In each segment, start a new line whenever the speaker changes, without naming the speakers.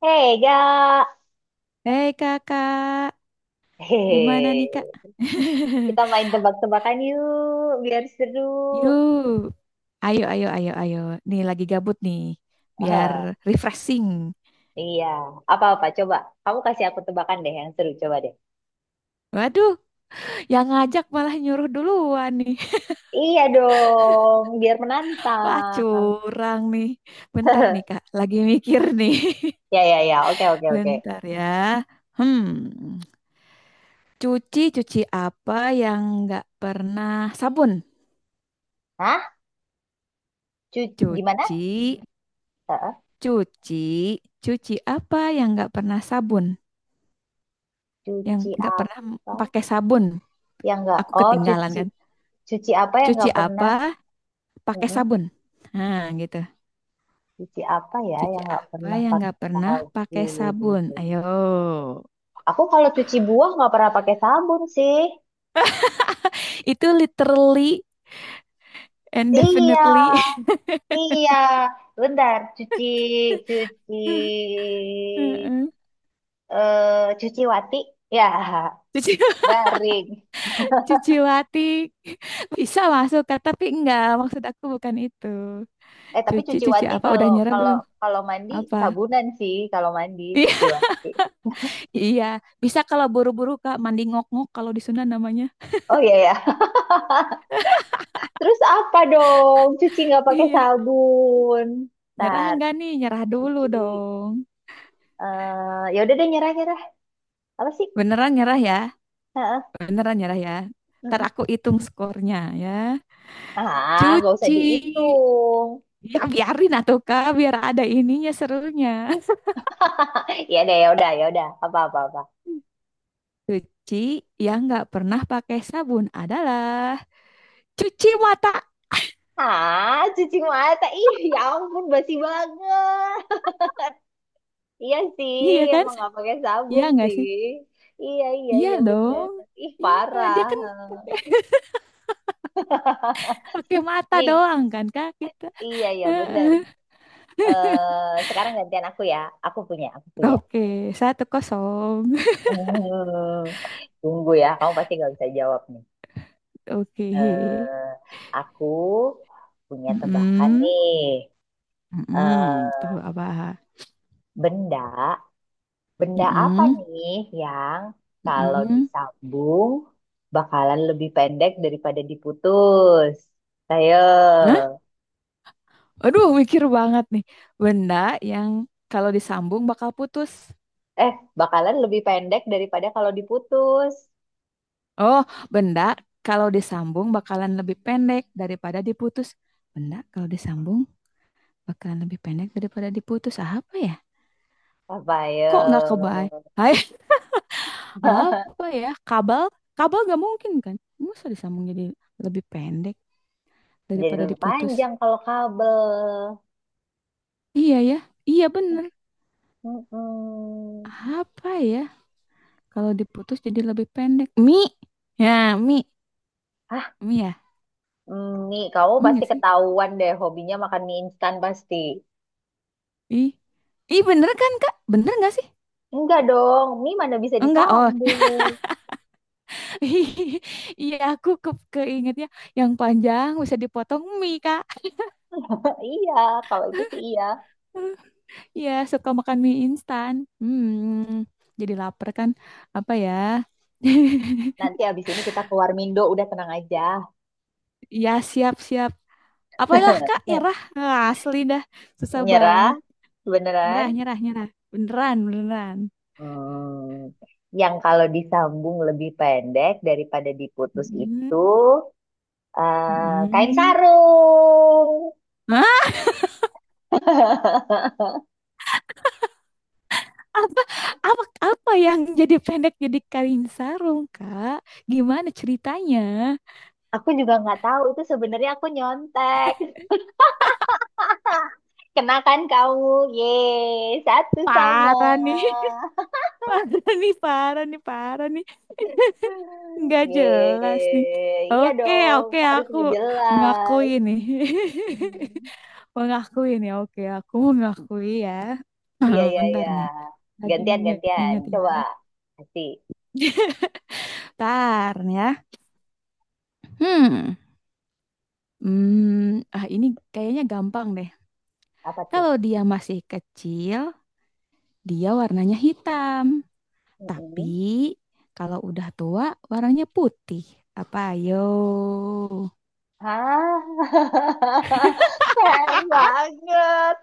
Hei, Ga.
Hei kakak,
Hehehe.
gimana nih kak?
Kita main tebak-tebakan yuk, biar seru.
Yuk, ayo, ayo, ayo, ayo. Nih lagi gabut nih, biar
Ah,
refreshing.
iya, apa-apa coba. Kamu kasih aku tebakan deh yang seru, coba deh.
Waduh, yang ngajak malah nyuruh duluan nih.
Iya dong, biar
Wah,
menantang.
curang nih. Bentar nih kak, lagi mikir nih.
Ya, ya, ya. Oke, oke, oke.
Bentar ya. Hmm, cuci-cuci apa yang nggak pernah sabun?
Hah? Cuci gimana?
Cuci,
Heeh.
cuci, cuci apa yang nggak pernah sabun? Yang
Cuci
nggak pernah
apa
pakai sabun.
yang nggak?
Aku
Oh,
ketinggalan
cuci
kan.
cuci apa yang
Cuci
nggak pernah?
apa? Pakai
Mm-mm.
sabun. Nah, gitu.
Cuci apa ya
Cuci
yang nggak
apa
pernah
yang
pakai
nggak pernah pakai
sabun?
sabun? Ayo.
Aku kalau cuci buah nggak pernah pakai sabun sih.
Itu literally and
Iya,
definitely.
iya. Bentar, cuci, cuci,
Heeh.
eh cuci wati. Ya,
Cuci
garing.
cuci watik. Bisa masuk Kak, tapi enggak. Maksud aku bukan itu.
Eh, tapi
Cuci
cuci
cuci
wati
apa? Udah
kalau
nyerah
kalau
belum?
kalau mandi
Apa?
sabunan sih kalau mandi
Iya,
cuci wati.
iya. Bisa kalau buru-buru Kak mandi ngok-ngok kalau di Sunda namanya.
Oh iya ya. Terus apa dong? Cuci nggak pakai
Iya,
sabun.
nyerah
Bentar,
enggak nih? Nyerah dulu
cuci.
dong.
Eh ya udah deh nyerah nyerah. Apa sih?
Beneran nyerah ya?
Heeh,
Beneran nyerah ya? Ntar
mm-mm.
aku hitung skornya ya.
Ah, nggak usah
Cuci.
dihitung.
Ya biarin atuh Kak, biar ada ininya serunya.
Ya deh, ya udah, ya udah. Apa apa apa.
Cuci yang nggak pernah pakai sabun adalah cuci mata.
Ah, cuci mata. Ih, ya ampun basi banget. Iya sih,
Iya kan?
emang nggak pakai
Iya
sabun
nggak
sih.
sih?
Iya, iya,
Iya
iya bener.
dong.
Ih,
Iya,
parah.
dia kan pakai pakai mata
Nih,
doang kan Kak kita.
iya, iya bener.
Heeh.
Eh, sekarang gantian aku ya. Aku punya, aku punya.
Oke, 1-0.
Hmm, tunggu ya, kamu pasti nggak bisa jawab nih.
Oke.
Eh, aku punya tebakan
Mm-mm.
nih.
Mm-mm.
Eh,
Tuh apa?
benda Benda apa
Mm-mm.
nih yang kalau
Mm-mm.
disambung bakalan lebih pendek daripada diputus? Ayo.
Nah, aduh mikir banget nih. Benda yang kalau disambung bakal putus.
Eh, bakalan lebih pendek daripada kalau diputus.
Oh, benda kalau disambung bakalan lebih pendek daripada diputus. Benda kalau disambung bakalan lebih pendek daripada diputus. Ah, apa ya?
Apa ayo?
Kok nggak kebayang? Hai, apa ya? Kabel? Kabel nggak mungkin kan? Masa disambung jadi lebih pendek
Jadi
daripada
lebih
diputus?
panjang kalau kabel.
Iya ya, iya bener.
Mm-mm.
Apa ya? Kalau diputus jadi lebih pendek. Mi, ya mi,
Hah,
mi ya.
mm, nih kamu
Mie
pasti
nggak sih?
ketahuan deh hobinya makan mie instan pasti.
Ih, ih bener kan Kak? Bener nggak sih?
Enggak dong, mie mana bisa
Enggak, oh,
disambung.
iya aku keingetnya yang panjang bisa dipotong mie Kak.
Iya, kalau itu sih iya.
Iya suka makan mie instan. Hmm, jadi lapar kan? Apa ya?
Nanti abis ini kita keluar Mindo, udah tenang aja.
Iya siap-siap. Apalah Kak, nyerah. Ah, asli dah, susah
Nyerah,
banget.
beneran.
Nyerah, nyerah, nyerah. Beneran, beneran.
Hmm, yang kalau disambung lebih pendek daripada diputus
Hmm.
itu eh, kain
Hmm.
sarung.
Apa apa apa yang jadi pendek jadi kain sarung kak, gimana ceritanya?
Aku juga nggak tahu itu sebenarnya aku nyontek. Kenakan kamu, ye satu sama.
Parah nih, parah nih, parah nih, parah nih, nggak jelas
Ye
nih.
iya
Oke,
dong,
oke,
harus
aku mengakui
ngejelas.
nih.
Hmm.
Mengakui nih, oke, aku mengakui ya.
Iya,
Oh,
iya,
bentar
iya.
nih, lagi
Gantian, gantian.
ingat-ingat
Coba.
ya.
Kasih.
Bentar nih ya. hmm ah, ini kayaknya gampang deh.
Apa tuh?
Kalau dia masih kecil, dia warnanya hitam,
Mm-mm.
tapi kalau udah tua warnanya putih. Apa ayo?
Hah? Fair banget.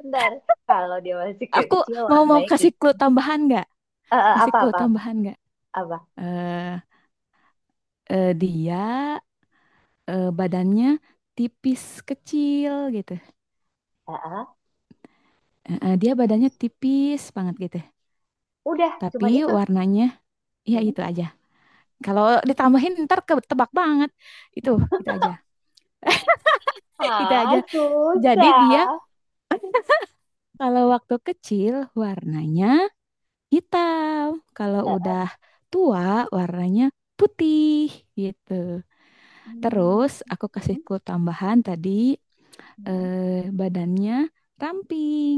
Bentar. Kalau dia masih
Aku
kecil
mau mau
warnanya
kasih
gitu.
clue tambahan nggak?
Eh eh,
Kasih
apa,
clue
apa, apa?
tambahan nggak?
Apa?
Eh, eh, dia, eh, badannya tipis kecil gitu.
Eh, eh.
Eh, eh, dia badannya tipis banget gitu.
Udah,
Tapi
cuman itu.
warnanya ya
Mm-mm.
itu aja. Kalau ditambahin ntar ketebak banget. Itu, itu aja. Itu
Ah,
aja. Jadi dia
susah.
kalau waktu kecil warnanya hitam. Kalau
Eh,
udah
eh.
tua warnanya putih gitu.
Hmm.
Terus aku kasih
Mm-mm.
clue tambahan tadi,
Mm-mm.
eh, badannya ramping,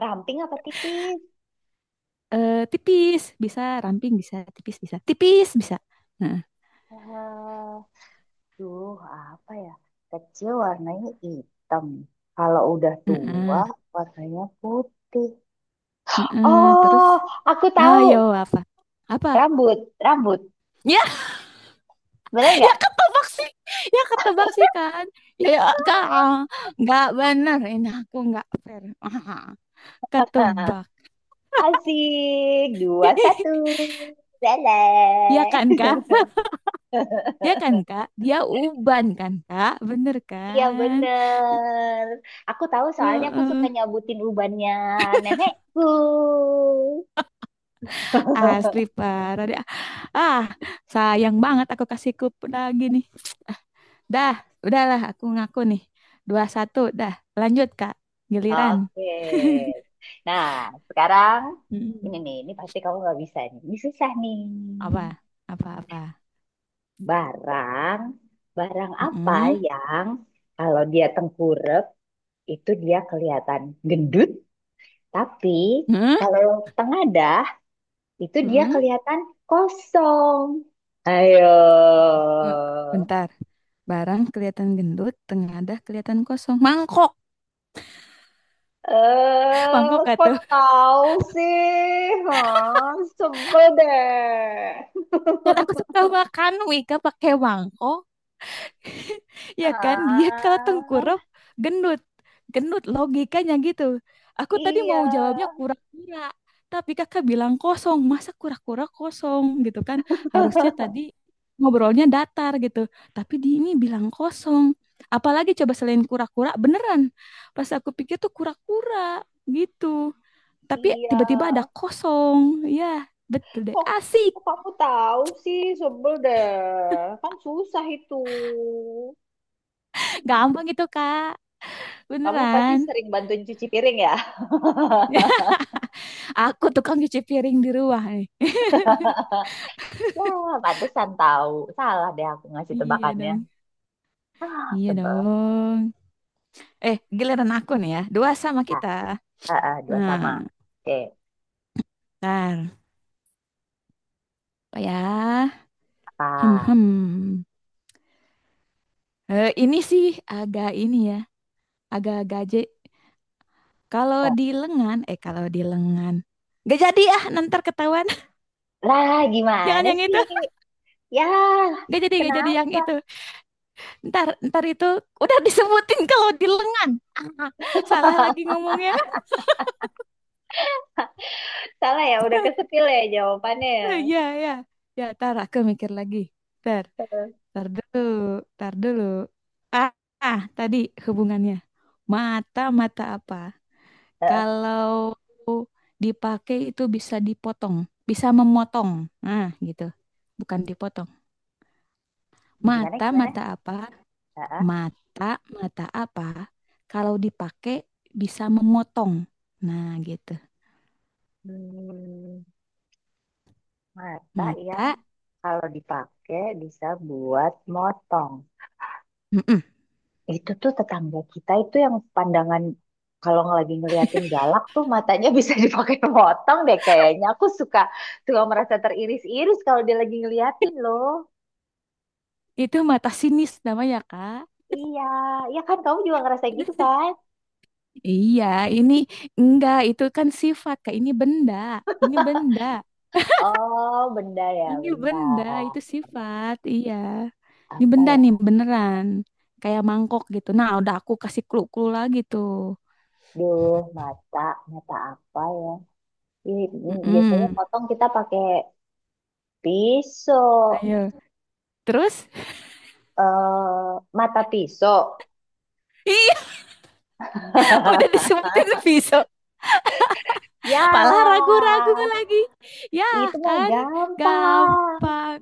Ramping apa tipis?
eh, tipis, bisa ramping, bisa tipis, bisa tipis, bisa. Nah,
Eh, duh, apa ya? Kecil warnanya hitam. Kalau udah tua,
heeh,
warnanya putih.
heeh. Terus,
Oh, aku
ayo
tahu.
apa? Apa?
Rambut, rambut.
Ya,
Bener
ya
nggak?
ketebak sih, ya ketebak sih kan. Ya, ya kak, nggak bener ini, aku nggak fair. Ketebak.
Asik. Dua, satu.
Ya
Leleh.
kan kak? Dia kan Kak, dia uban kan Kak, bener
Iya,
kan?
bener. Aku tahu soalnya aku suka
Heeh.
nyabutin ubannya nenekku.
Asli parah deh. Ah, sayang banget aku kasih kup lagi nih. Dah, udahlah aku ngaku nih. 2-1, dah. Lanjut Kak, giliran.
Oke. Nah, sekarang ini
Mm-mm.
nih, ini pasti kamu nggak bisa nih. Ini susah nih.
Apa? Apa-apa?
Barang, Barang apa
Mm-mm.
yang kalau dia tengkurep itu dia kelihatan gendut, tapi
Mm-mm.
kalau tengadah itu dia
Mm-mm.
kelihatan kosong. Ayo.
Eh, bentar, barang kelihatan gendut, tengadah kelihatan kosong. Mangkok,
Eh,
mangkok gak
kok
tuh?
tahu sih? Hah, sebel deh.
Kan aku suka makan Wika pakai mangkok. Iya kan? Dia kalau tengkurap
Ah,
gendut. Gendut logikanya gitu. Aku tadi
iya,
mau jawabnya kura-kura. Tapi kakak bilang kosong. Masa kura-kura kosong gitu kan? Harusnya tadi ngobrolnya datar gitu. Tapi di ini bilang kosong. Apalagi coba selain kura-kura beneran. Pas aku pikir tuh kura-kura gitu. Tapi
iya.
tiba-tiba ada kosong. Ya, betul deh.
Kok,
Asik.
Kok kamu tahu sih, sebel deh. Kan susah itu. Hmm,
Gampang gitu, Kak.
kamu pasti
Beneran.
sering bantuin cuci piring ya?
Aku tukang cuci piring di rumah nih.
Wah, pantesan tahu. Salah deh aku ngasih
Iya
tebakannya.
dong.
Ah,
Iya
sebel.
dong. Eh, giliran aku nih ya. 2-2
Ah,
kita.
ah, ah, dua sama.
Nah,
Oke,
ntar. Apa ya? Hmm,
apa?
hmm. Eh, ini sih agak ini ya. Agak gaje. Kalau
Eh,
di lengan, eh kalau di lengan. Gak jadi ah, ntar ketahuan.
lah,
Jangan
gimana
yang
sih?
itu.
Ya,
Gak jadi yang
kenapa?
itu. Ntar, ntar itu udah disebutin kalau di lengan. Salah lagi ngomongnya.
Salah ya, udah kesepil ya jawabannya
Ya, ya. Ya, ntar aku mikir lagi. Ntar. Tar dulu, tar dulu. Ah, ah, tadi hubungannya. Mata-mata apa?
ya.
Kalau dipakai itu bisa dipotong, bisa memotong. Nah, gitu. Bukan dipotong.
Gimana gimana?
Mata-mata apa?
Heeh.
Mata-mata apa? Kalau dipakai bisa memotong. Nah, gitu.
Hmm, mata yang
Mata,
kalau dipakai bisa buat motong.
mm-mm.
Itu tuh tetangga kita itu yang pandangan kalau lagi ngeliatin galak tuh matanya bisa dipakai motong deh kayaknya. Aku suka suka merasa teriris-iris kalau dia lagi ngeliatin loh.
Itu mata sinis namanya, Kak.
Iya, ya kan kamu juga ngerasain gitu kan?
Iya, ini enggak, itu kan sifat, Kak. Ini benda, ini benda.
Oh, benda ya,
Ini
benda
benda, itu sifat, iya. Ini
apa
benda
ya?
nih, beneran. Kayak mangkok gitu. Nah, udah aku kasih clue-clue lagi tuh.
Duh, mata, mata apa ya? Ih, ini biasanya
Mm-mm.
potong kita pakai pisau.
Ayo. Terus?
Eh mata pisau.
Iya, udah disebutin pisau.
Ya,
Malah ragu-ragu lagi. Ya
itu mah
kan,
gampang.
gampang.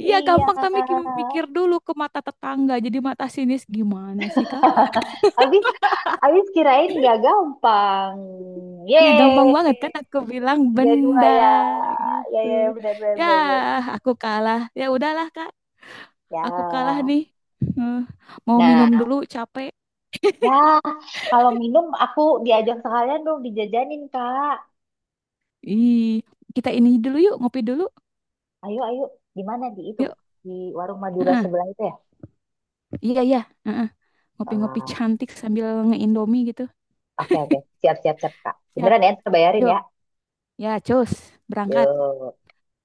Iya,
Iya.
gampang tapi mikir dulu ke mata tetangga. Jadi mata sinis gimana sih, Kak?
Habis, Habis kirain gak gampang.
Iya, gampang
Yeay.
banget kan aku bilang
Tiga dua
benda
ya. Ya,
gitu.
ya, ya, benar, benar,
Ya,
benar, benar.
aku kalah. Ya udahlah, Kak. Aku kalah
Ya.
nih. Eh, mau minum
Nah,
dulu, capek.
ya. Kalau minum, aku diajak sekalian dong dijajanin, Kak.
Ih, kita ini dulu yuk, ngopi dulu.
Ayo, ayo. Di mana? Di itu.
Yuk.
Di warung Madura
Heeh.
sebelah itu
Iya, iya. Heeh. Ngopi-ngopi
ya?
cantik sambil nge-indomie gitu.
Oke, oke. Siap, siap, siap, Kak.
Siap.
Beneran ya, terbayarin
Yuk.
ya.
Ya, cus. Berangkat.
Yuk.